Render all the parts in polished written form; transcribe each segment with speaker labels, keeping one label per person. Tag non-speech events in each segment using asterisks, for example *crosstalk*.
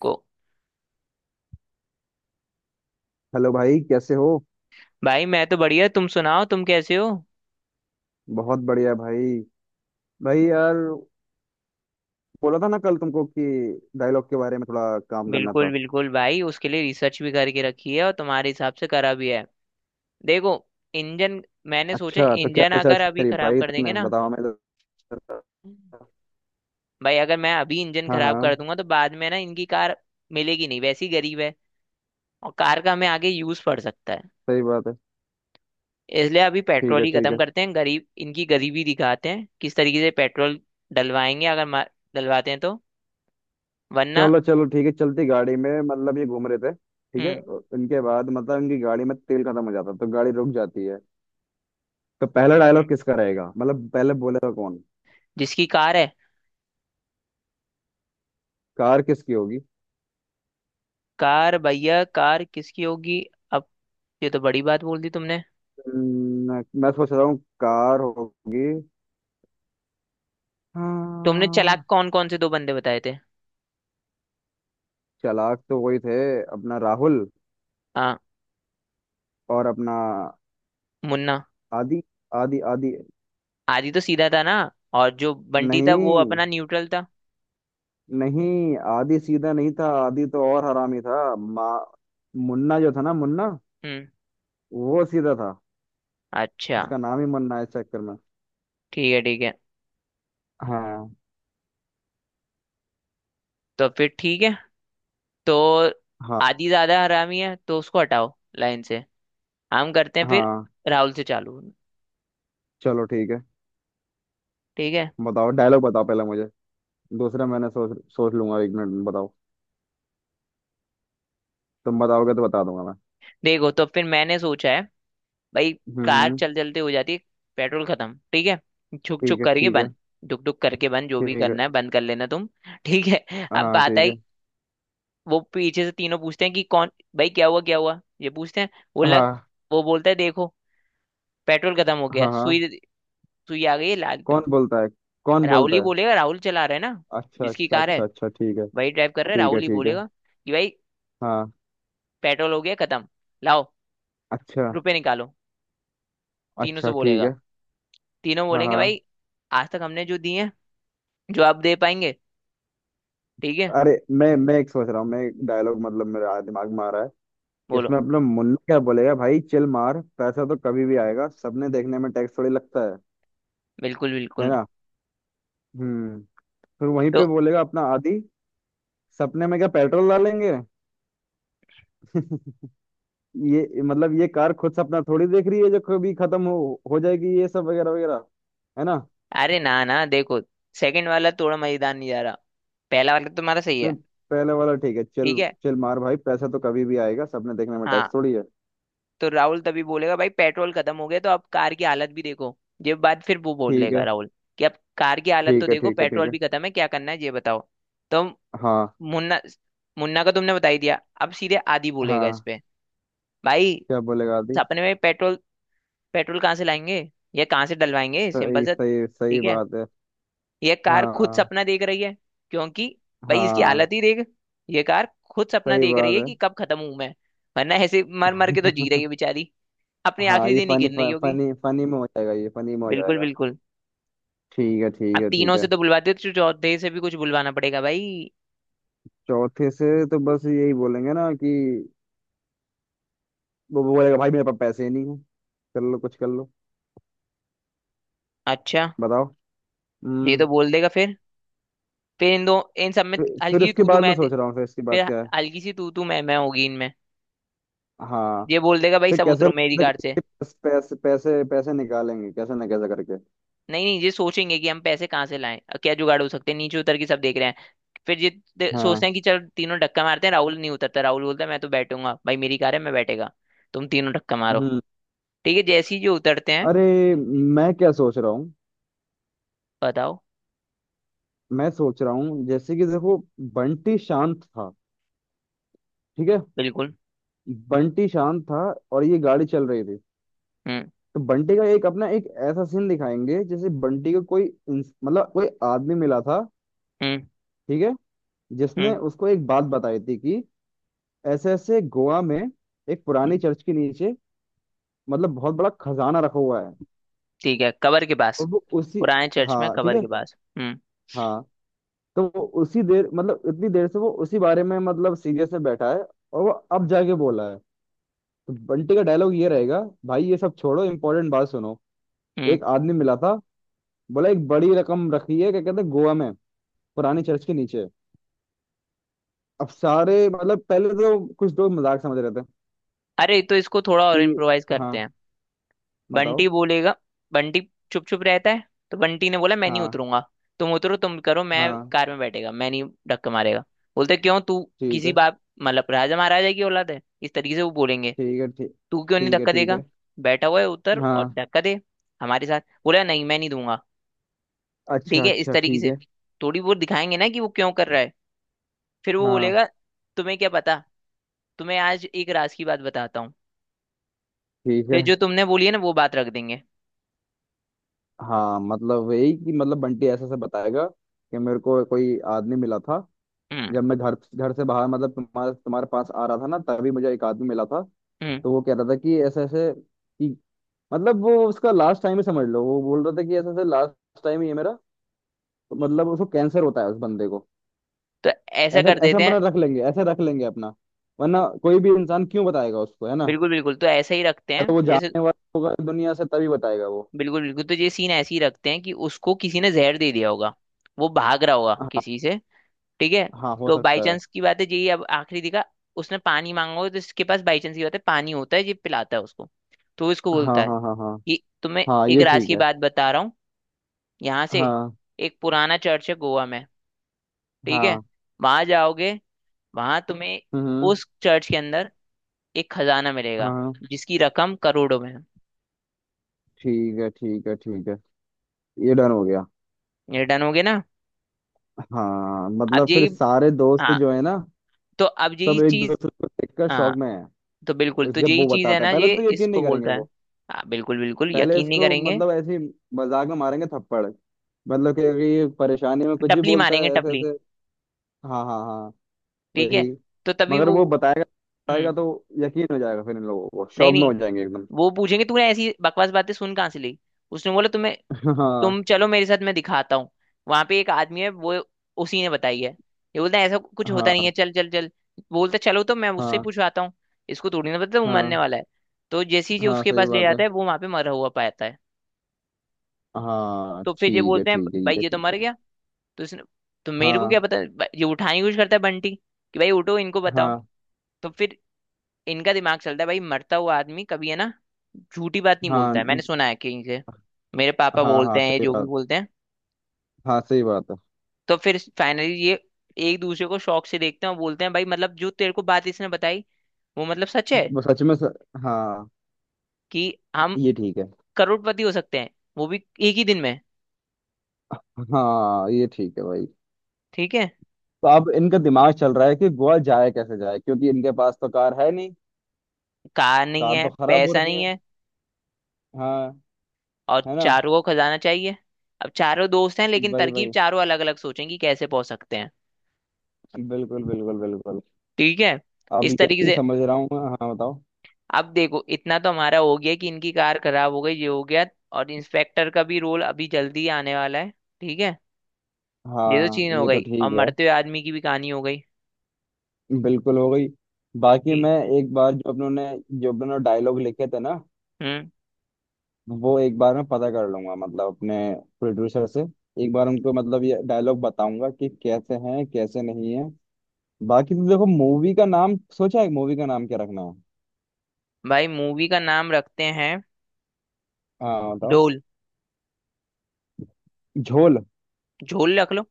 Speaker 1: को
Speaker 2: हेलो भाई कैसे हो।
Speaker 1: भाई, मैं तो बढ़िया। तुम सुनाओ, तुम कैसे हो?
Speaker 2: बहुत बढ़िया भाई। भाई यार बोला था ना कल तुमको कि डायलॉग के बारे में थोड़ा काम करना
Speaker 1: बिल्कुल
Speaker 2: था।
Speaker 1: बिल्कुल भाई, उसके लिए रिसर्च भी करके रखी है और तुम्हारे हिसाब से करा भी है। देखो, इंजन, मैंने सोचा
Speaker 2: अच्छा, तो क्या
Speaker 1: इंजन अगर
Speaker 2: रिसर्च
Speaker 1: अभी
Speaker 2: करी
Speaker 1: खराब
Speaker 2: भाई
Speaker 1: कर देंगे
Speaker 2: तुमने,
Speaker 1: ना।
Speaker 2: बताओ मैं जरा।
Speaker 1: भाई अगर मैं अभी इंजन
Speaker 2: हाँ
Speaker 1: खराब कर
Speaker 2: हाँ।
Speaker 1: दूंगा तो बाद में ना, इनकी कार मिलेगी नहीं, वैसी गरीब है। और कार का हमें आगे यूज पड़ सकता है।
Speaker 2: सही बात है।
Speaker 1: इसलिए अभी
Speaker 2: ठीक
Speaker 1: पेट्रोल
Speaker 2: है,
Speaker 1: ही
Speaker 2: ठीक
Speaker 1: खत्म
Speaker 2: है।
Speaker 1: करते हैं, गरीब इनकी गरीबी दिखाते हैं, किस तरीके से पेट्रोल डलवाएंगे। अगर डलवाते हैं तो, वरना।
Speaker 2: चलो चलो, ठीक है। चलती गाड़ी में मतलब ये घूम रहे थे। ठीक है।
Speaker 1: हम्म,
Speaker 2: और इनके बाद मतलब इनकी गाड़ी में तेल खत्म हो जाता है, तो गाड़ी रुक जाती है। तो पहला
Speaker 1: हम्म।
Speaker 2: डायलॉग किसका रहेगा, मतलब पहले बोलेगा कौन।
Speaker 1: जिसकी कार है।
Speaker 2: कार किसकी होगी।
Speaker 1: कार, भैया, कार किसकी होगी अब? ये तो बड़ी बात बोल दी तुमने।
Speaker 2: मैं सोच रहा हूँ कार होगी।
Speaker 1: तुमने चालाक
Speaker 2: हाँ।
Speaker 1: कौन कौन से दो बंदे बताए थे?
Speaker 2: चालाक तो वही थे। अपना राहुल
Speaker 1: हाँ,
Speaker 2: और अपना
Speaker 1: मुन्ना।
Speaker 2: आदि। आदि आदि।
Speaker 1: आदि तो सीधा था ना? और जो बंटी था वो
Speaker 2: नहीं,
Speaker 1: अपना न्यूट्रल था।
Speaker 2: नहीं, आदि सीधा नहीं था, आदि तो और हरामी था। मा मुन्ना जो था ना, मुन्ना
Speaker 1: हम्म,
Speaker 2: वो सीधा था।
Speaker 1: अच्छा।
Speaker 2: उसका नाम ही मुन्ना है इस चक्कर में।
Speaker 1: ठीक है, ठीक है।
Speaker 2: हाँ।
Speaker 1: तो फिर ठीक है तो,
Speaker 2: हाँ
Speaker 1: आदि ज्यादा हरामी है तो उसको हटाओ लाइन से। हम करते हैं फिर
Speaker 2: हाँ,
Speaker 1: राहुल से चालू।
Speaker 2: चलो ठीक है।
Speaker 1: ठीक है।
Speaker 2: बताओ, डायलॉग बताओ पहले मुझे। दूसरा मैंने सोच सोच लूंगा एक मिनट में। बताओ, तुम बताओगे तो बता दूंगा मैं।
Speaker 1: देखो, तो फिर मैंने सोचा है भाई, कार
Speaker 2: हम्म।
Speaker 1: चल चलते हो जाती है, पेट्रोल खत्म, ठीक है। छुक
Speaker 2: ठीक
Speaker 1: छुक
Speaker 2: है,
Speaker 1: करके
Speaker 2: ठीक है,
Speaker 1: बंद, डुक डुक करके बंद, जो भी
Speaker 2: ठीक है।
Speaker 1: करना है बंद कर लेना तुम *laughs* ठीक है, अब
Speaker 2: हाँ,
Speaker 1: बात
Speaker 2: ठीक है।
Speaker 1: आई। वो पीछे से तीनों पूछते हैं कि कौन भाई, क्या हुआ क्या हुआ, ये पूछते हैं। वो लग
Speaker 2: हाँ,
Speaker 1: वो बोलता है, देखो, पेट्रोल खत्म हो गया,
Speaker 2: हाँ, हाँ।
Speaker 1: सुई, सुई आ गई है लाल पे।
Speaker 2: कौन बोलता है? कौन
Speaker 1: राहुल ही
Speaker 2: बोलता है?
Speaker 1: बोलेगा, राहुल चला रहा है ना।
Speaker 2: अच्छा,
Speaker 1: जिसकी
Speaker 2: अच्छा,
Speaker 1: कार है
Speaker 2: अच्छा, अच्छा, ठीक है।
Speaker 1: वही ड्राइव कर रहा है,
Speaker 2: ठीक है,
Speaker 1: राहुल ही
Speaker 2: ठीक है।
Speaker 1: बोलेगा कि भाई
Speaker 2: हाँ।
Speaker 1: पेट्रोल हो गया खत्म, लाओ
Speaker 2: अच्छा,
Speaker 1: रुपए निकालो, तीनों से
Speaker 2: अच्छा, ठीक
Speaker 1: बोलेगा।
Speaker 2: है।
Speaker 1: तीनों
Speaker 2: हाँ,
Speaker 1: बोलेंगे
Speaker 2: हाँ।
Speaker 1: भाई आज तक हमने जो दिए हैं, जो आप दे पाएंगे, ठीक है।
Speaker 2: अरे, मैं एक सोच रहा हूँ मैं, डायलॉग मतलब मेरा दिमाग में आ रहा है।
Speaker 1: बोलो।
Speaker 2: इसमें अपना मुन्ना क्या बोलेगा, भाई चिल मार, पैसा तो कभी भी आएगा, सबने देखने में टैक्स थोड़ी लगता है।
Speaker 1: बिल्कुल
Speaker 2: है
Speaker 1: बिल्कुल,
Speaker 2: ना। हम्म। फिर वहीं
Speaker 1: तो
Speaker 2: पे बोलेगा अपना आदि, सपने में क्या पेट्रोल डालेंगे? *laughs* ये मतलब, ये कार खुद सपना थोड़ी देख रही है जो कभी खत्म हो जाएगी, ये सब वगैरह वगैरह। है ना।
Speaker 1: अरे ना ना, देखो सेकंड वाला थोड़ा मजेदार नहीं जा रहा, पहला वाला तो तुम्हारा सही
Speaker 2: नहीं,
Speaker 1: है।
Speaker 2: पहले वाला ठीक है। चल
Speaker 1: ठीक है,
Speaker 2: चल मार भाई, पैसा तो कभी भी आएगा, सपने देखने में
Speaker 1: हाँ।
Speaker 2: टैक्स थोड़ी है।
Speaker 1: तो राहुल तभी बोलेगा, भाई पेट्रोल खत्म हो गया, तो अब कार की हालत भी देखो। ये बात फिर वो बोल
Speaker 2: ठीक
Speaker 1: लेगा,
Speaker 2: है,
Speaker 1: राहुल, कि अब कार की हालत तो
Speaker 2: ठीक है,
Speaker 1: देखो,
Speaker 2: ठीक है, ठीक
Speaker 1: पेट्रोल
Speaker 2: है।
Speaker 1: भी खत्म है, क्या करना है ये बताओ। तो
Speaker 2: हाँ,
Speaker 1: मुन्ना, मुन्ना का तुमने बता ही दिया, अब सीधे आदि बोलेगा इस
Speaker 2: हाँ।
Speaker 1: पे, भाई
Speaker 2: क्या बोलेगा आदि?
Speaker 1: सपने में पेट्रोल? पेट्रोल कहाँ से लाएंगे या कहाँ से डलवाएंगे, सिंपल
Speaker 2: सही,
Speaker 1: सा।
Speaker 2: सही, सही
Speaker 1: ठीक है,
Speaker 2: बात है।
Speaker 1: ये कार खुद
Speaker 2: हाँ,
Speaker 1: सपना देख रही है, क्योंकि भाई इसकी
Speaker 2: हाँ,
Speaker 1: हालत ही देख, ये कार खुद सपना
Speaker 2: सही
Speaker 1: देख रही
Speaker 2: बात
Speaker 1: है
Speaker 2: है।
Speaker 1: कि कब खत्म हूं मैं। वरना ऐसे मर मर के तो जी रही
Speaker 2: *laughs*
Speaker 1: है बेचारी, अपने
Speaker 2: हाँ,
Speaker 1: आखिरी
Speaker 2: ये
Speaker 1: दिन ही
Speaker 2: फनी।
Speaker 1: गिरने ही होगी।
Speaker 2: फनी, फनी में हो जाएगा, ये फनी में हो
Speaker 1: बिल्कुल
Speaker 2: जाएगा।
Speaker 1: बिल्कुल।
Speaker 2: ठीक है,
Speaker 1: अब
Speaker 2: ठीक है,
Speaker 1: तीनों
Speaker 2: ठीक
Speaker 1: से
Speaker 2: है।
Speaker 1: तो बुलवाते, तो चौथे से भी कुछ बुलवाना पड़ेगा भाई।
Speaker 2: चौथे से तो बस यही बोलेंगे ना कि वो बोलेगा भाई मेरे पास पैसे ही नहीं है, कर लो कुछ कर लो।
Speaker 1: अच्छा,
Speaker 2: बताओ।
Speaker 1: ये
Speaker 2: हम्म।
Speaker 1: तो बोल देगा फिर इन सब में
Speaker 2: फिर
Speaker 1: हल्की सी
Speaker 2: उसके
Speaker 1: तू तू
Speaker 2: बाद
Speaker 1: मैं,
Speaker 2: मैं सोच रहा हूँ, फिर इसके बाद
Speaker 1: फिर
Speaker 2: क्या है।
Speaker 1: हल्की सी तू तू मैं होगी इनमें।
Speaker 2: हाँ।
Speaker 1: ये बोल देगा, भाई
Speaker 2: फिर
Speaker 1: सब
Speaker 2: कैसे न
Speaker 1: उतरो मेरी
Speaker 2: कैसे
Speaker 1: कार से।
Speaker 2: करके, पैसे पैसे पैसे निकालेंगे, कैसे ना कैसे करके।
Speaker 1: नहीं नहीं, ये सोचेंगे कि हम पैसे कहाँ से लाएं, क्या जुगाड़ हो सकते हैं, नीचे उतर के सब देख रहे हैं। फिर ये सोचते
Speaker 2: हाँ।
Speaker 1: हैं कि चल तीनों धक्का मारते हैं, राहुल नहीं उतरता, राहुल बोलता है मैं तो बैठूंगा भाई, मेरी कार है, मैं बैठेगा, तुम तीनों धक्का मारो।
Speaker 2: हम्म।
Speaker 1: ठीक है, जैसे ही जो उतरते हैं।
Speaker 2: अरे, मैं क्या सोच रहा हूँ।
Speaker 1: बताओ।
Speaker 2: मैं सोच रहा हूँ, जैसे कि देखो। बंटी शांत था। ठीक है।
Speaker 1: बिल्कुल।
Speaker 2: बंटी शांत था। और ये गाड़ी चल रही थी।
Speaker 1: हम्म,
Speaker 2: तो बंटी का एक अपना एक ऐसा सीन दिखाएंगे, जैसे बंटी को कोई मतलब कोई आदमी मिला था।
Speaker 1: हम्म,
Speaker 2: ठीक है। जिसने
Speaker 1: हम्म,
Speaker 2: उसको एक बात बताई थी कि ऐसे ऐसे गोवा में एक पुरानी
Speaker 1: हम्म।
Speaker 2: चर्च के नीचे मतलब बहुत बड़ा खजाना रखा हुआ है।
Speaker 1: ठीक है, कबर के पास।
Speaker 2: और वो उसी।
Speaker 1: पुराने चर्च में
Speaker 2: हाँ ठीक
Speaker 1: कबर
Speaker 2: है।
Speaker 1: के पास, हम्म।
Speaker 2: हाँ। तो वो उसी देर मतलब इतनी देर से वो उसी बारे में मतलब सीरियस में बैठा है। और वो अब जाके बोला है। तो बंटी का डायलॉग ये रहेगा। भाई, ये सब छोड़ो, इंपॉर्टेंट बात सुनो।
Speaker 1: हम्म।
Speaker 2: एक आदमी मिला था, बोला एक बड़ी रकम रखी है, क्या कहते हैं गोवा में, पुरानी चर्च के नीचे। अब सारे मतलब, पहले तो कुछ लोग मजाक समझ रहे थे
Speaker 1: अरे तो इसको थोड़ा और
Speaker 2: कि।
Speaker 1: इम्प्रोवाइज करते
Speaker 2: हाँ,
Speaker 1: हैं। बंटी
Speaker 2: बताओ।
Speaker 1: बोलेगा, बंटी चुप चुप रहता है, तो बंटी ने बोला मैं नहीं
Speaker 2: हाँ,
Speaker 1: उतरूंगा, तुम उतरो तुम करो, मैं
Speaker 2: हाँ।
Speaker 1: कार में बैठेगा, मैं नहीं धक्का मारेगा। बोलते क्यों तू,
Speaker 2: ठीक
Speaker 1: किसी
Speaker 2: है,
Speaker 1: बाप, मतलब राजा महाराजा की औलाद है, इस तरीके से वो बोलेंगे।
Speaker 2: ठीक है। ठीक,
Speaker 1: तू क्यों नहीं
Speaker 2: ठीक है।
Speaker 1: धक्का
Speaker 2: ठीक
Speaker 1: देगा?
Speaker 2: है।
Speaker 1: बैठा हुआ है, उतर और
Speaker 2: हाँ।
Speaker 1: धक्का दे हमारे साथ। बोला नहीं, मैं नहीं दूंगा, ठीक
Speaker 2: अच्छा,
Speaker 1: है, इस
Speaker 2: अच्छा,
Speaker 1: तरीके
Speaker 2: ठीक
Speaker 1: से
Speaker 2: है।
Speaker 1: थोड़ी वो दिखाएंगे ना कि वो क्यों कर रहा है। फिर वो
Speaker 2: हाँ,
Speaker 1: बोलेगा, तुम्हें क्या पता, तुम्हें आज एक राज की बात बताता हूँ।
Speaker 2: ठीक है।
Speaker 1: फिर जो तुमने बोली है ना वो बात रख देंगे।
Speaker 2: हाँ। मतलब यही कि, मतलब बंटी ऐसे से बताएगा कि मेरे को कोई आदमी मिला था।
Speaker 1: हम्म,
Speaker 2: जब मैं घर घर से बाहर मतलब तुम्हारे तुम्हारे पास आ रहा था ना, तभी मुझे एक आदमी मिला था।
Speaker 1: हम्म।
Speaker 2: तो वो कह रहा था कि ऐसे ऐसे कि, मतलब वो उसका लास्ट टाइम ही समझ लो, वो बोल रहा था कि ऐसे ऐसे लास्ट टाइम ही है मेरा। तो मतलब उसको कैंसर होता है उस बंदे को।
Speaker 1: तो ऐसा
Speaker 2: ऐसा
Speaker 1: कर
Speaker 2: ऐसा
Speaker 1: देते हैं।
Speaker 2: अपना रख लेंगे, ऐसे रख लेंगे अपना। वरना कोई भी इंसान क्यों बताएगा उसको, है ना।
Speaker 1: बिल्कुल बिल्कुल, तो ऐसे ही रखते
Speaker 2: या तो
Speaker 1: हैं
Speaker 2: वो
Speaker 1: जैसे,
Speaker 2: जानने वाला होगा दुनिया से, तभी बताएगा वो।
Speaker 1: बिल्कुल बिल्कुल, तो ये सीन ऐसे ही रखते हैं कि उसको किसी ने जहर दे दिया होगा, वो भाग रहा होगा
Speaker 2: हाँ
Speaker 1: किसी से। ठीक है।
Speaker 2: हाँ, हो
Speaker 1: तो बाई
Speaker 2: सकता है।
Speaker 1: चांस की बात है, यही अब आखिरी दिखा, उसने पानी मांगा होगा, तो इसके पास बाई चांस की बात है पानी होता है, ये पिलाता है उसको। तो वो इसको
Speaker 2: हाँ,
Speaker 1: बोलता है
Speaker 2: हाँ, हाँ, हाँ।
Speaker 1: कि तुम्हें
Speaker 2: हाँ,
Speaker 1: एक
Speaker 2: ये
Speaker 1: राज
Speaker 2: ठीक
Speaker 1: की
Speaker 2: है।
Speaker 1: बात बता रहा हूँ, यहाँ से
Speaker 2: हाँ,
Speaker 1: एक पुराना चर्च है गोवा में, ठीक है,
Speaker 2: हाँ।
Speaker 1: वहां जाओगे, वहां तुम्हें
Speaker 2: हम्म।
Speaker 1: उस चर्च के अंदर एक खजाना मिलेगा,
Speaker 2: हाँ,
Speaker 1: जिसकी रकम करोड़ों में है।
Speaker 2: ठीक है, ठीक है, ठीक है। ये डन हो गया।
Speaker 1: ये डन हो गया ना।
Speaker 2: हाँ मतलब,
Speaker 1: अब
Speaker 2: फिर
Speaker 1: यही,
Speaker 2: सारे दोस्त
Speaker 1: हाँ,
Speaker 2: जो है ना,
Speaker 1: तो अब यही
Speaker 2: सब एक
Speaker 1: चीज,
Speaker 2: दूसरे को देखकर शौक
Speaker 1: हाँ,
Speaker 2: में है।
Speaker 1: तो बिल्कुल, तो
Speaker 2: जब
Speaker 1: यही
Speaker 2: वो
Speaker 1: चीज है
Speaker 2: बताता है
Speaker 1: ना,
Speaker 2: पहले
Speaker 1: ये
Speaker 2: तो यकीन नहीं
Speaker 1: इसको
Speaker 2: करेंगे
Speaker 1: बोलता है।
Speaker 2: वो।
Speaker 1: हाँ बिल्कुल बिल्कुल,
Speaker 2: पहले
Speaker 1: यकीन नहीं
Speaker 2: इसको
Speaker 1: करेंगे।
Speaker 2: मतलब ऐसे ही मजाक में मारेंगे थप्पड़, मतलब कि अगर ये परेशानी में कुछ ही
Speaker 1: टपली
Speaker 2: बोलता
Speaker 1: मारेंगे,
Speaker 2: है ऐसे
Speaker 1: टपली।
Speaker 2: ऐसे। हाँ, हाँ, हाँ।
Speaker 1: ठीक है,
Speaker 2: वही।
Speaker 1: तो तभी
Speaker 2: मगर
Speaker 1: वो,
Speaker 2: वो बताएगा,
Speaker 1: हम्म,
Speaker 2: बताएगा तो यकीन हो जाएगा, फिर इन लोगों को
Speaker 1: नहीं
Speaker 2: शौक में
Speaker 1: नहीं,
Speaker 2: हो जाएंगे एकदम।
Speaker 1: वो पूछेंगे तूने ऐसी बकवास बातें सुन कहाँ से ली? उसने बोला तुम्हें,
Speaker 2: *laughs* हाँ,
Speaker 1: तुम चलो मेरे साथ मैं दिखाता हूँ, वहां पे एक आदमी है वो, उसी ने बताई है। ये बोलता है ऐसा कुछ होता
Speaker 2: हाँ,
Speaker 1: नहीं है, चल चल चल। बोलता चलो तो मैं उससे
Speaker 2: हाँ,
Speaker 1: पूछवाता हूँ। इसको थोड़ी ना पता वो मरने
Speaker 2: हाँ,
Speaker 1: वाला है। तो जैसी जी
Speaker 2: हाँ,
Speaker 1: उसके
Speaker 2: सही
Speaker 1: पास ले
Speaker 2: बात है।
Speaker 1: जाता है, वो वहां पे मरा हुआ पाता है।
Speaker 2: हाँ,
Speaker 1: तो फिर ये
Speaker 2: ठीक है,
Speaker 1: बोलते हैं
Speaker 2: ठीक है,
Speaker 1: भाई
Speaker 2: ठीक है,
Speaker 1: ये तो मर
Speaker 2: ठीक है।
Speaker 1: गया, तो इसने, तो मेरे को
Speaker 2: हाँ,
Speaker 1: क्या पता भाई, ये उठाने की कोशिश करता है बंटी, कि भाई उठो इनको बताओ।
Speaker 2: हाँ,
Speaker 1: तो फिर इनका दिमाग चलता है, भाई मरता हुआ आदमी कभी, है ना, झूठी बात नहीं
Speaker 2: हाँ,
Speaker 1: बोलता है, मैंने सुना है कहीं से, मेरे पापा
Speaker 2: हाँ,
Speaker 1: बोलते
Speaker 2: हाँ
Speaker 1: हैं, ये
Speaker 2: सही
Speaker 1: जो भी
Speaker 2: बात।
Speaker 1: बोलते हैं।
Speaker 2: हाँ, सही बात है।
Speaker 1: तो फिर फाइनली ये एक दूसरे को शौक से देखते हैं और बोलते हैं, भाई मतलब जो तेरे को बात इसने बताई, वो मतलब सच है,
Speaker 2: वो सच में हाँ,
Speaker 1: कि हम
Speaker 2: ये ठीक है।
Speaker 1: करोड़पति हो सकते हैं, वो भी एक ही दिन में।
Speaker 2: हाँ, ये ठीक है भाई।
Speaker 1: ठीक है।
Speaker 2: तो अब इनका दिमाग चल रहा है कि गोवा जाए, कैसे जाए, क्योंकि इनके पास तो कार है नहीं।
Speaker 1: कार नहीं
Speaker 2: कार
Speaker 1: है,
Speaker 2: तो खराब हो
Speaker 1: पैसा
Speaker 2: रखी
Speaker 1: नहीं
Speaker 2: है।
Speaker 1: है,
Speaker 2: हाँ।
Speaker 1: और
Speaker 2: है ना।
Speaker 1: चारों को खजाना चाहिए। अब चारों दोस्त हैं लेकिन
Speaker 2: वही,
Speaker 1: तरकीब
Speaker 2: वही।
Speaker 1: चारों अलग अलग सोचेंगी, कैसे पहुंच सकते हैं।
Speaker 2: बिल्कुल, बिल्कुल, बिल्कुल।
Speaker 1: ठीक है,
Speaker 2: अब
Speaker 1: इस
Speaker 2: ये
Speaker 1: तरीके
Speaker 2: भी
Speaker 1: से।
Speaker 2: समझ रहा हूँ मैं। हाँ बताओ।
Speaker 1: अब देखो इतना तो हमारा हो गया कि इनकी कार खराब हो गई, ये हो गया। और इंस्पेक्टर का भी रोल अभी जल्दी ही आने वाला है। ठीक है, ये तो
Speaker 2: हाँ,
Speaker 1: चीज हो
Speaker 2: ये तो
Speaker 1: गई, और
Speaker 2: ठीक है।
Speaker 1: मरते हुए आदमी की भी कहानी हो गई।
Speaker 2: बिल्कुल हो गई। बाकी मैं
Speaker 1: ठीक।
Speaker 2: एक बार जो अपनों ने डायलॉग लिखे थे ना,
Speaker 1: हम्म।
Speaker 2: वो एक बार मैं पता कर लूंगा मतलब अपने प्रोड्यूसर से। एक बार उनको मतलब ये डायलॉग बताऊंगा कि कैसे हैं, कैसे नहीं है। बाकी तो देखो, मूवी का नाम सोचा है? मूवी का नाम क्या रखना है?
Speaker 1: भाई मूवी का नाम रखते हैं
Speaker 2: हाँ बताओ।
Speaker 1: ढोल।
Speaker 2: झोल।
Speaker 1: झोल रख लो।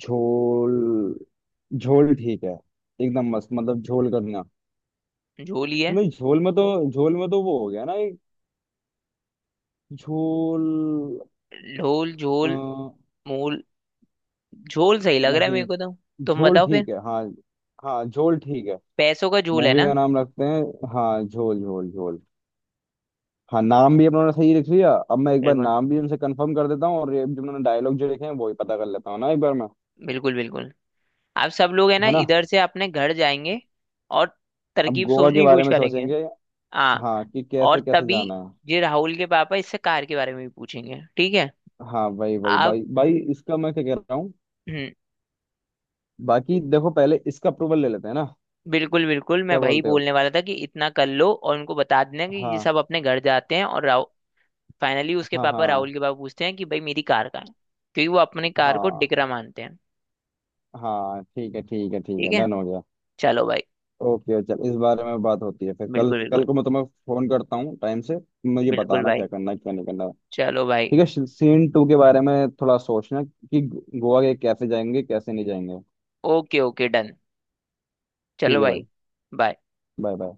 Speaker 2: झोल। झोल ठीक है। एकदम मस्त, मतलब झोल करना।
Speaker 1: झोल ही है।
Speaker 2: नहीं, झोल में तो, वो हो गया ना एक। झोल।
Speaker 1: ढोल,
Speaker 2: अ,
Speaker 1: झोल, मूल, झोल सही लग रहा है मेरे
Speaker 2: नहीं,
Speaker 1: को तो। तुम
Speaker 2: झोल
Speaker 1: बताओ फिर।
Speaker 2: ठीक है। हाँ। हाँ, झोल ठीक है।
Speaker 1: पैसों का झोल है
Speaker 2: मूवी
Speaker 1: ना।
Speaker 2: का नाम रखते हैं। हाँ, झोल, झोल, झोल। हाँ, नाम भी अपना उन्होंने सही लिख लिया, अब मैं एक बार
Speaker 1: बिल्कुल
Speaker 2: नाम भी उनसे कंफर्म कर देता हूँ, और ये जो मैंने डायलॉग जो लिखे हैं वो ही पता कर लेता हूँ ना एक बार मैं।
Speaker 1: बिल्कुल बिल्कुल। आप सब लोग है ना
Speaker 2: है ना।
Speaker 1: इधर से अपने घर जाएंगे, और
Speaker 2: अब
Speaker 1: तरकीब
Speaker 2: गोवा
Speaker 1: सोचने
Speaker 2: के
Speaker 1: की
Speaker 2: बारे
Speaker 1: कोशिश
Speaker 2: में
Speaker 1: करेंगे।
Speaker 2: सोचेंगे।
Speaker 1: हाँ,
Speaker 2: हाँ, कि
Speaker 1: और
Speaker 2: कैसे कैसे
Speaker 1: तभी
Speaker 2: जाना है।
Speaker 1: ये राहुल के पापा इससे कार के बारे में भी पूछेंगे, ठीक है।
Speaker 2: हाँ, वही, वही।
Speaker 1: आप,
Speaker 2: भाई, भाई, इसका मैं क्या कह रहा हूँ।
Speaker 1: हम्म।
Speaker 2: बाकी देखो, पहले इसका अप्रूवल ले लेते हैं ना,
Speaker 1: बिल्कुल बिल्कुल, मैं
Speaker 2: क्या
Speaker 1: वही
Speaker 2: बोलते हो?
Speaker 1: बोलने वाला था कि इतना कर लो और उनको बता देना कि ये
Speaker 2: हाँ,
Speaker 1: सब अपने घर जाते हैं, और राहुल फाइनली उसके
Speaker 2: हाँ,
Speaker 1: पापा,
Speaker 2: हाँ,
Speaker 1: राहुल के पापा, पूछते हैं कि भाई मेरी कार कहाँ है, क्योंकि वो अपनी कार को
Speaker 2: हाँ,
Speaker 1: डिकरा मानते हैं।
Speaker 2: हाँ, ठीक है, ठीक है, ठीक
Speaker 1: ठीक
Speaker 2: है,
Speaker 1: है,
Speaker 2: डन हो गया।
Speaker 1: चलो भाई।
Speaker 2: ओके, चल, इस बारे में बात होती है, फिर कल
Speaker 1: बिल्कुल बिल्कुल।
Speaker 2: कल को मैं तुम्हें फोन करता हूँ टाइम से। मुझे
Speaker 1: बिल्कुल
Speaker 2: बताना
Speaker 1: भाई,
Speaker 2: क्या करना है, क्या नहीं करना।
Speaker 1: चलो भाई।
Speaker 2: ठीक है, सीन 2 के बारे में थोड़ा सोचना, कि गोवा के कैसे जाएंगे, कैसे नहीं जाएंगे।
Speaker 1: Okay okay, done.
Speaker 2: ठीक
Speaker 1: चलो
Speaker 2: है
Speaker 1: भाई।
Speaker 2: भाई।
Speaker 1: बाय।
Speaker 2: Bye bye.